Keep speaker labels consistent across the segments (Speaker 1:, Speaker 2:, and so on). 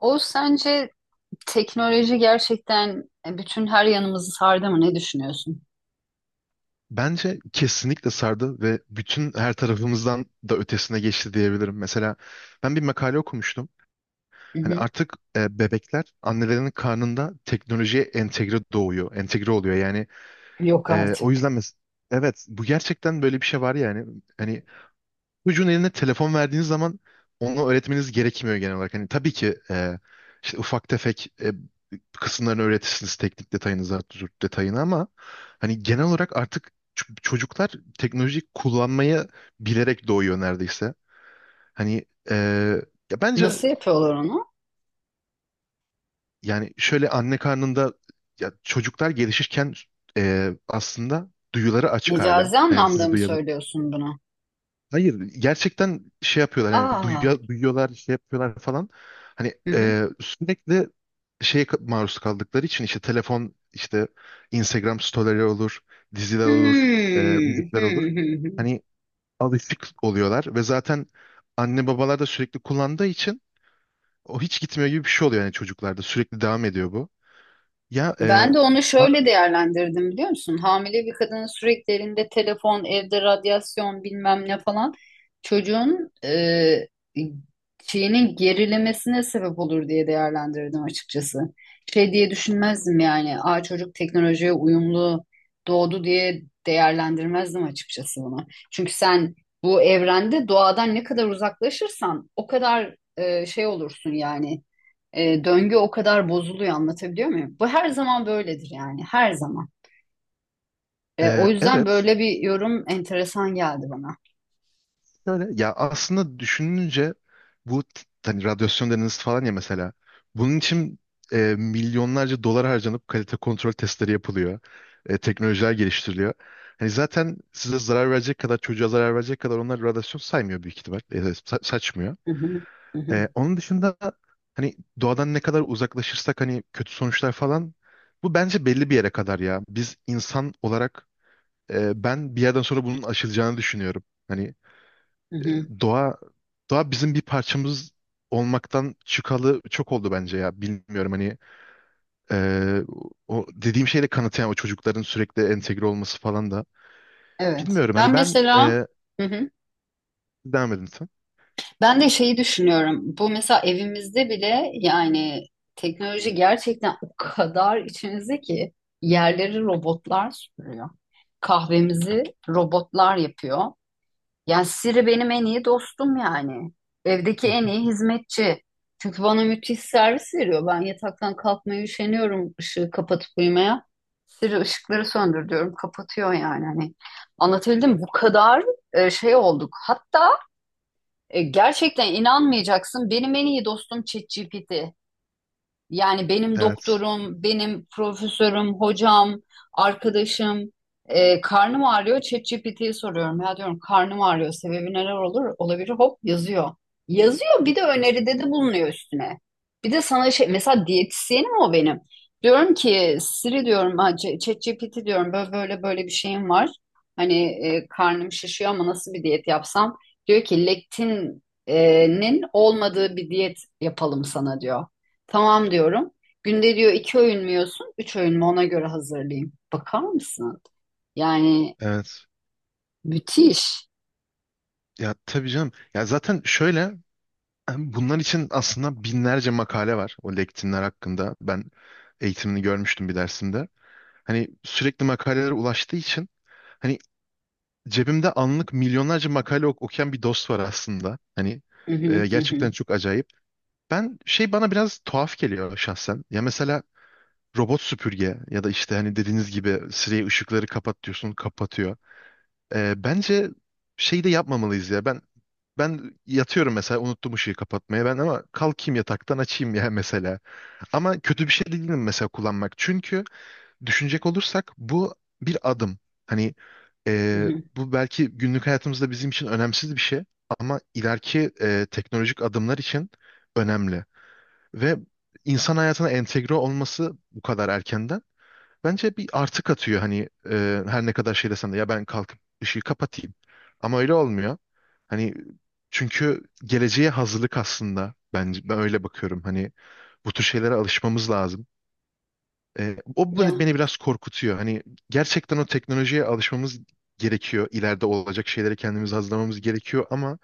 Speaker 1: O sence teknoloji gerçekten bütün her yanımızı sardı mı? Ne düşünüyorsun?
Speaker 2: Bence kesinlikle sardı ve bütün her tarafımızdan da ötesine geçti diyebilirim. Mesela ben bir makale okumuştum.
Speaker 1: Hı
Speaker 2: Hani
Speaker 1: hı.
Speaker 2: artık bebekler annelerinin karnında teknolojiye entegre doğuyor, entegre oluyor. Yani
Speaker 1: Yok
Speaker 2: o
Speaker 1: artık.
Speaker 2: yüzden evet, bu gerçekten böyle bir şey var yani. Hani çocuğun eline telefon verdiğiniz zaman onu öğretmeniz gerekmiyor genel olarak. Hani tabii ki işte ufak tefek kısımlarını öğretirsiniz, teknik detayını, zaten detayını, ama hani genel olarak artık çocuklar teknolojiyi kullanmayı bilerek doğuyor neredeyse. Hani ya bence,
Speaker 1: Nasıl yapıyorlar onu?
Speaker 2: yani şöyle, anne karnında ya çocuklar gelişirken aslında duyuları açık hala.
Speaker 1: Mecazi anlamda mı söylüyorsun bunu?
Speaker 2: Hayır, gerçekten şey yapıyorlar, hani
Speaker 1: Aa.
Speaker 2: duyuyor, duyuyorlar, şey yapıyorlar falan. Hani
Speaker 1: Hı hı.
Speaker 2: sürekli şeye maruz kaldıkları için, işte telefon, işte Instagram storyleri olur, diziler olur,
Speaker 1: Hmm. Hı
Speaker 2: müzikler olur.
Speaker 1: hı hı.
Speaker 2: Hani alışık oluyorlar ve zaten anne babalar da sürekli kullandığı için o hiç gitmiyor gibi bir şey oluyor, yani çocuklarda sürekli devam ediyor bu. Ya,
Speaker 1: Ben de onu
Speaker 2: a-
Speaker 1: şöyle değerlendirdim biliyor musun? Hamile bir kadının sürekli elinde telefon, evde radyasyon bilmem ne falan çocuğun şeyinin gerilemesine sebep olur diye değerlendirdim açıkçası. Şey diye düşünmezdim yani. Aa, çocuk teknolojiye uyumlu doğdu diye değerlendirmezdim açıkçası bunu. Çünkü sen bu evrende doğadan ne kadar uzaklaşırsan o kadar şey olursun yani, döngü o kadar bozuluyor, anlatabiliyor muyum? Bu her zaman böyledir yani, her zaman. O yüzden
Speaker 2: evet.
Speaker 1: böyle bir yorum enteresan geldi bana.
Speaker 2: Şöyle, ya aslında düşününce bu hani radyasyon deniz falan, ya mesela bunun için milyonlarca dolar harcanıp kalite kontrol testleri yapılıyor. Teknolojiler geliştiriliyor. Hani zaten size zarar verecek kadar, çocuğa zarar verecek kadar onlar radyasyon saymıyor büyük ihtimal. Saçmıyor.
Speaker 1: Hı hı, hı hı,
Speaker 2: Onun dışında, hani doğadan ne kadar uzaklaşırsak hani kötü sonuçlar falan, bu bence belli bir yere kadar ya. Biz insan olarak ben bir yerden sonra bunun aşılacağını düşünüyorum. Hani
Speaker 1: hı hı.
Speaker 2: e, doğa doğa bizim bir parçamız olmaktan çıkalı çok oldu bence, ya bilmiyorum, hani e, o dediğim şeyle kanıtlayan o çocukların sürekli entegre olması falan da
Speaker 1: Evet.
Speaker 2: bilmiyorum,
Speaker 1: Ben
Speaker 2: hani ben
Speaker 1: mesela, hı hı.
Speaker 2: devam edin sen.
Speaker 1: Ben de şeyi düşünüyorum. Bu mesela evimizde bile yani teknoloji gerçekten o kadar içimizde ki yerleri robotlar süpürüyor. Kahvemizi robotlar yapıyor. Yani Siri benim en iyi dostum yani. Evdeki en iyi hizmetçi. Çünkü bana müthiş servis veriyor. Ben yataktan kalkmaya üşeniyorum ışığı kapatıp uyumaya. Siri ışıkları söndür diyorum. Kapatıyor yani. Hani anlatabildim mi? Bu kadar şey olduk. Hatta gerçekten inanmayacaksın. Benim en iyi dostum ChatGPT. Yani benim
Speaker 2: Evet.
Speaker 1: doktorum, benim profesörüm, hocam, arkadaşım, karnım ağrıyor. ChatGPT'ye soruyorum. Ya diyorum, karnım ağrıyor. Sebebi neler olur? Olabilir. Hop yazıyor. Yazıyor, bir de öneride de bulunuyor üstüne. Bir de sana şey mesela, diyetisyenim o benim. Diyorum ki Siri diyorum ha, ChatGPT diyorum, böyle böyle böyle bir şeyim var. Hani karnım şişiyor ama nasıl bir diyet yapsam? Diyor ki lektinin olmadığı bir diyet yapalım sana diyor. Tamam diyorum. Günde diyor iki öğün mü yiyorsun? Üç öğün mü? Ona göre hazırlayayım. Bakar mısın? Yani
Speaker 2: Evet.
Speaker 1: müthiş.
Speaker 2: Ya tabii canım. Ya zaten şöyle, bunlar için aslında binlerce makale var o lektinler hakkında. Ben eğitimini görmüştüm bir dersimde. Hani sürekli makalelere ulaştığı için, hani cebimde anlık milyonlarca makale okuyan bir dost var aslında. Hani
Speaker 1: Hı hı, hı
Speaker 2: gerçekten
Speaker 1: hı,
Speaker 2: çok acayip. Ben şey, bana biraz tuhaf geliyor şahsen. Ya mesela robot süpürge ya da işte hani dediğiniz gibi Siri'ye ışıkları kapat diyorsun, kapatıyor. Bence şey de yapmamalıyız ya. Ben yatıyorum mesela, unuttum ışığı kapatmaya, ben ama kalkayım yataktan açayım ya mesela. Ama kötü bir şey de değilim mesela kullanmak. Çünkü düşünecek olursak bu bir adım. Hani
Speaker 1: hı
Speaker 2: e,
Speaker 1: hı.
Speaker 2: bu belki günlük hayatımızda bizim için önemsiz bir şey ama ileriki teknolojik adımlar için önemli. Ve insan hayatına entegre olması bu kadar erkenden bence bir artı katıyor. Hani her ne kadar şey desen de, ya ben kalkıp ışığı kapatayım, ama öyle olmuyor. Hani, çünkü geleceğe hazırlık aslında, bence ben öyle bakıyorum. Hani bu tür şeylere alışmamız lazım. O beni
Speaker 1: Ya,
Speaker 2: beni biraz korkutuyor. Hani gerçekten o teknolojiye alışmamız gerekiyor. İleride olacak şeyleri kendimiz hazırlamamız gerekiyor ama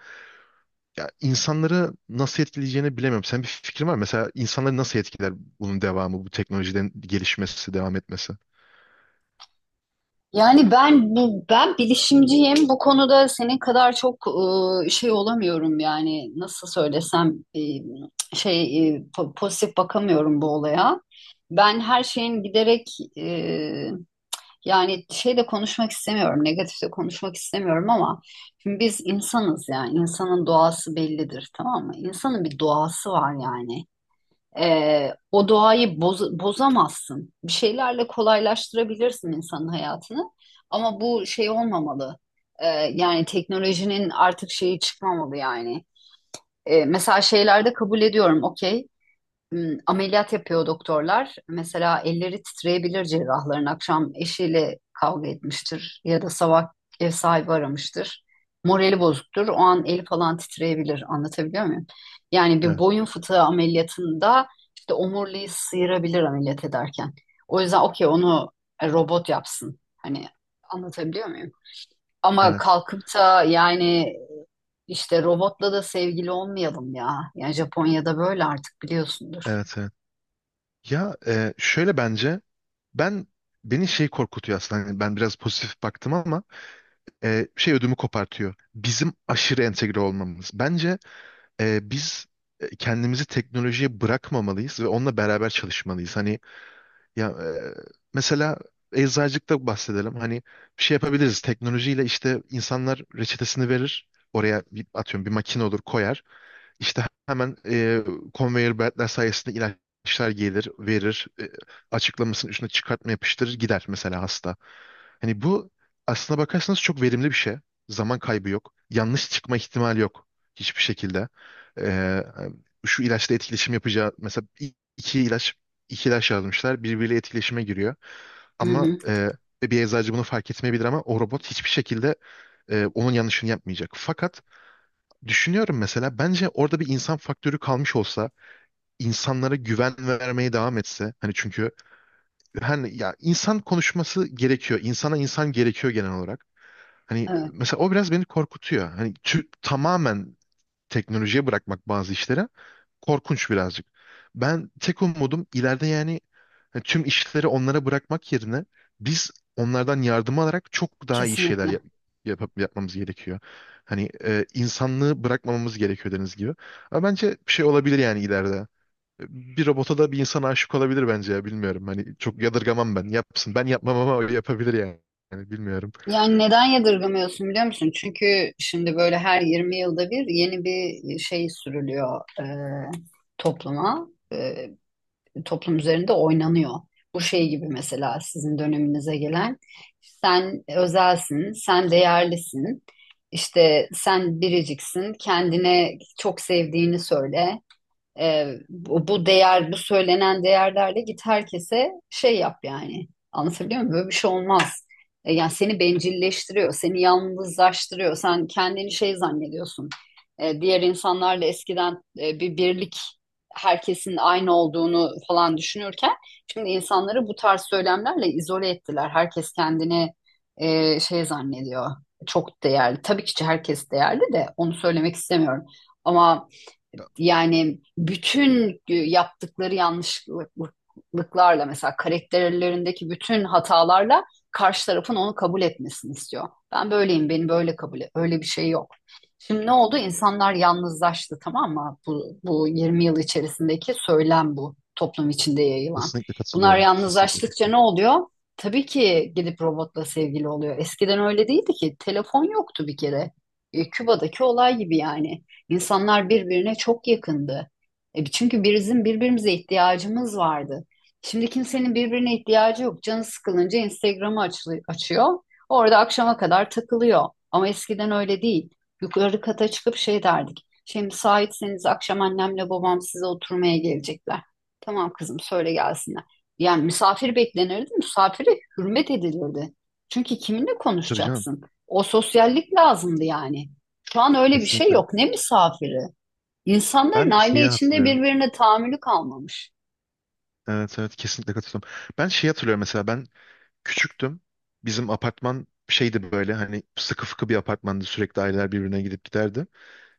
Speaker 2: ya insanları nasıl etkileyeceğini bilemiyorum. Sen, bir fikrin var mı? Mesela insanları nasıl etkiler bunun devamı, bu teknolojiden gelişmesi, devam etmesi?
Speaker 1: yani ben bilişimciyim. Bu konuda senin kadar çok şey olamıyorum yani, nasıl söylesem, şey, pozitif bakamıyorum bu olaya. Ben her şeyin giderek yani şey de konuşmak istemiyorum, negatif de konuşmak istemiyorum ama şimdi biz insanız yani, insanın doğası bellidir tamam mı? İnsanın bir doğası var yani. O doğayı bozamazsın. Bir şeylerle kolaylaştırabilirsin insanın hayatını ama bu şey olmamalı. Ee, Yani teknolojinin artık şeyi çıkmamalı yani. Mesela şeylerde kabul ediyorum, okey, ameliyat yapıyor doktorlar. Mesela elleri titreyebilir cerrahların. Akşam eşiyle kavga etmiştir ya da sabah ev sahibi aramıştır. Morali bozuktur. O an eli falan titreyebilir. Anlatabiliyor muyum? Yani bir
Speaker 2: Evet,
Speaker 1: boyun fıtığı ameliyatında işte omuriliği sıyırabilir ameliyat ederken. O yüzden okey, onu robot yapsın. Hani anlatabiliyor muyum? Ama
Speaker 2: evet,
Speaker 1: kalkıp da yani, işte robotla da sevgili olmayalım ya. Yani Japonya'da böyle artık biliyorsundur.
Speaker 2: evet, evet. Ya, şöyle, bence ben, beni şey korkutuyor aslında. Hani ben biraz pozitif baktım ama şey, ödümü kopartıyor. Bizim aşırı entegre olmamız. Bence biz kendimizi teknolojiye bırakmamalıyız ve onunla beraber çalışmalıyız. Hani, ya mesela eczacılıkta bahsedelim. Hani bir şey yapabiliriz. Teknolojiyle işte, insanlar reçetesini verir. Oraya bir, atıyorum, bir makine olur, koyar. İşte hemen conveyor beltler sayesinde ilaçlar gelir, verir, açıklamasının üstüne çıkartma yapıştırır, gider mesela hasta. Hani bu, aslına bakarsanız, çok verimli bir şey. Zaman kaybı yok. Yanlış çıkma ihtimali yok hiçbir şekilde. E, Şu ilaçla etkileşim yapacağı, mesela iki ilaç yazmışlar, birbiriyle etkileşime giriyor.
Speaker 1: Hı
Speaker 2: Ama
Speaker 1: hı.
Speaker 2: bir eczacı bunu fark etmeyebilir ama o robot hiçbir şekilde onun yanlışını yapmayacak. Fakat düşünüyorum mesela, bence orada bir insan faktörü kalmış olsa, insanlara güven vermeye devam etse, hani çünkü, hani ya, insan konuşması gerekiyor, insana insan gerekiyor genel olarak, hani
Speaker 1: Evet,
Speaker 2: mesela o biraz beni korkutuyor, hani tamamen teknolojiye bırakmak bazı işlere korkunç birazcık. Ben, tek umudum ileride, yani tüm işleri onlara bırakmak yerine biz onlardan yardım alarak çok daha iyi şeyler
Speaker 1: kesinlikle.
Speaker 2: yapmamız gerekiyor. Hani insanlığı bırakmamamız gerekiyor, dediğiniz gibi. Ama bence bir şey olabilir yani ileride. Bir robota da bir insan aşık olabilir bence, ya bilmiyorum. Hani çok yadırgamam ben. Yapsın. Ben yapmam ama o yapabilir yani. Yani bilmiyorum.
Speaker 1: Yani neden yadırgamıyorsun biliyor musun? Çünkü şimdi böyle her 20 yılda bir yeni bir şey sürülüyor topluma. E, toplum üzerinde oynanıyor. Bu şey gibi mesela sizin döneminize gelen. Sen özelsin, sen değerlisin. İşte sen biriciksin, kendine çok sevdiğini söyle. Bu değer, bu söylenen değerlerle git herkese şey yap yani. Anlatabiliyor muyum? Böyle bir şey olmaz. Yani seni bencilleştiriyor, seni yalnızlaştırıyor. Sen kendini şey zannediyorsun. Diğer insanlarla eskiden bir birlik, herkesin aynı olduğunu falan düşünürken şimdi insanları bu tarz söylemlerle izole ettiler. Herkes kendini şey zannediyor. Çok değerli. Tabii ki herkes değerli de onu söylemek istemiyorum. Ama yani bütün yaptıkları yanlışlıklarla mesela karakterlerindeki bütün hatalarla karşı tarafın onu kabul etmesini istiyor. Ben böyleyim, beni böyle kabul et. Öyle bir şey yok. Şimdi ne oldu? İnsanlar yalnızlaştı tamam mı? Bu 20 yıl içerisindeki söylem bu toplum içinde yayılan.
Speaker 2: Kesinlikle
Speaker 1: Bunlar
Speaker 2: katılıyorum. Kesinlikle
Speaker 1: yalnızlaştıkça ne
Speaker 2: katılıyorum.
Speaker 1: oluyor? Tabii ki gidip robotla sevgili oluyor. Eskiden öyle değildi ki. Telefon yoktu bir kere. E, Küba'daki olay gibi yani. İnsanlar birbirine çok yakındı. E, çünkü bizim birbirimize ihtiyacımız vardı. Şimdi kimsenin birbirine ihtiyacı yok. Canı sıkılınca Instagram'ı açıyor. Orada akşama kadar takılıyor. Ama eskiden öyle değil. Yukarı kata çıkıp şey derdik. Şimdi müsaitseniz akşam annemle babam size oturmaya gelecekler. Tamam kızım, söyle gelsinler. Yani misafir beklenirdi, misafire hürmet edilirdi. Çünkü kiminle
Speaker 2: Tabii canım.
Speaker 1: konuşacaksın? O sosyallik lazımdı yani. Şu an öyle bir şey
Speaker 2: Kesinlikle.
Speaker 1: yok. Ne misafiri? İnsanların
Speaker 2: Ben
Speaker 1: aile
Speaker 2: şeyi
Speaker 1: içinde
Speaker 2: hatırlıyorum.
Speaker 1: birbirine tahammülü kalmamış.
Speaker 2: Evet, evet, kesinlikle katılıyorum. Ben şey hatırlıyorum, mesela ben küçüktüm. Bizim apartman şeydi böyle, hani sıkı fıkı bir apartmandı, sürekli aileler birbirine gidip giderdi.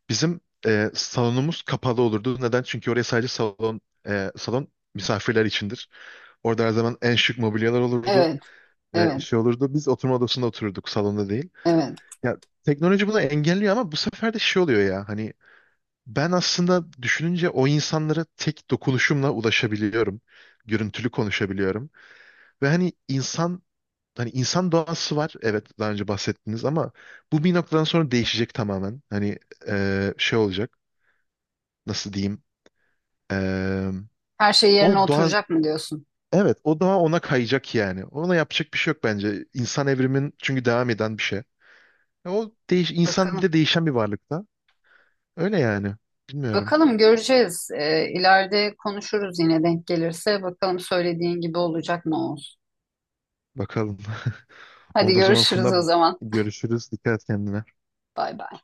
Speaker 2: Bizim salonumuz kapalı olurdu. Neden? Çünkü oraya sadece salon, salon misafirler içindir. Orada her zaman en şık mobilyalar olurdu.
Speaker 1: Evet, evet,
Speaker 2: Şey olurdu. Biz oturma odasında otururduk, salonda değil.
Speaker 1: evet.
Speaker 2: Ya, teknoloji bunu engelliyor ama bu sefer de şey oluyor ya, hani ben aslında düşününce o insanlara tek dokunuşumla ulaşabiliyorum. Görüntülü konuşabiliyorum. Ve hani insan doğası var. Evet, daha önce bahsettiniz ama bu bir noktadan sonra değişecek tamamen. Hani şey olacak. Nasıl diyeyim? E,
Speaker 1: Her şey yerine
Speaker 2: o doğa
Speaker 1: oturacak mı diyorsun?
Speaker 2: evet o doğa ona kayacak yani. Ona yapacak bir şey yok bence. İnsan evrimin çünkü devam eden bir şey. O değiş insan bir
Speaker 1: Bakalım.
Speaker 2: de değişen bir varlıkta. Öyle yani. Bilmiyorum.
Speaker 1: Bakalım göreceğiz. İleride konuşuruz yine denk gelirse. Bakalım söylediğin gibi olacak mı olsun.
Speaker 2: Bakalım.
Speaker 1: Hadi
Speaker 2: Oldu o zaman
Speaker 1: görüşürüz
Speaker 2: Funda,
Speaker 1: o zaman.
Speaker 2: görüşürüz. Dikkat et kendine.
Speaker 1: Bay bay.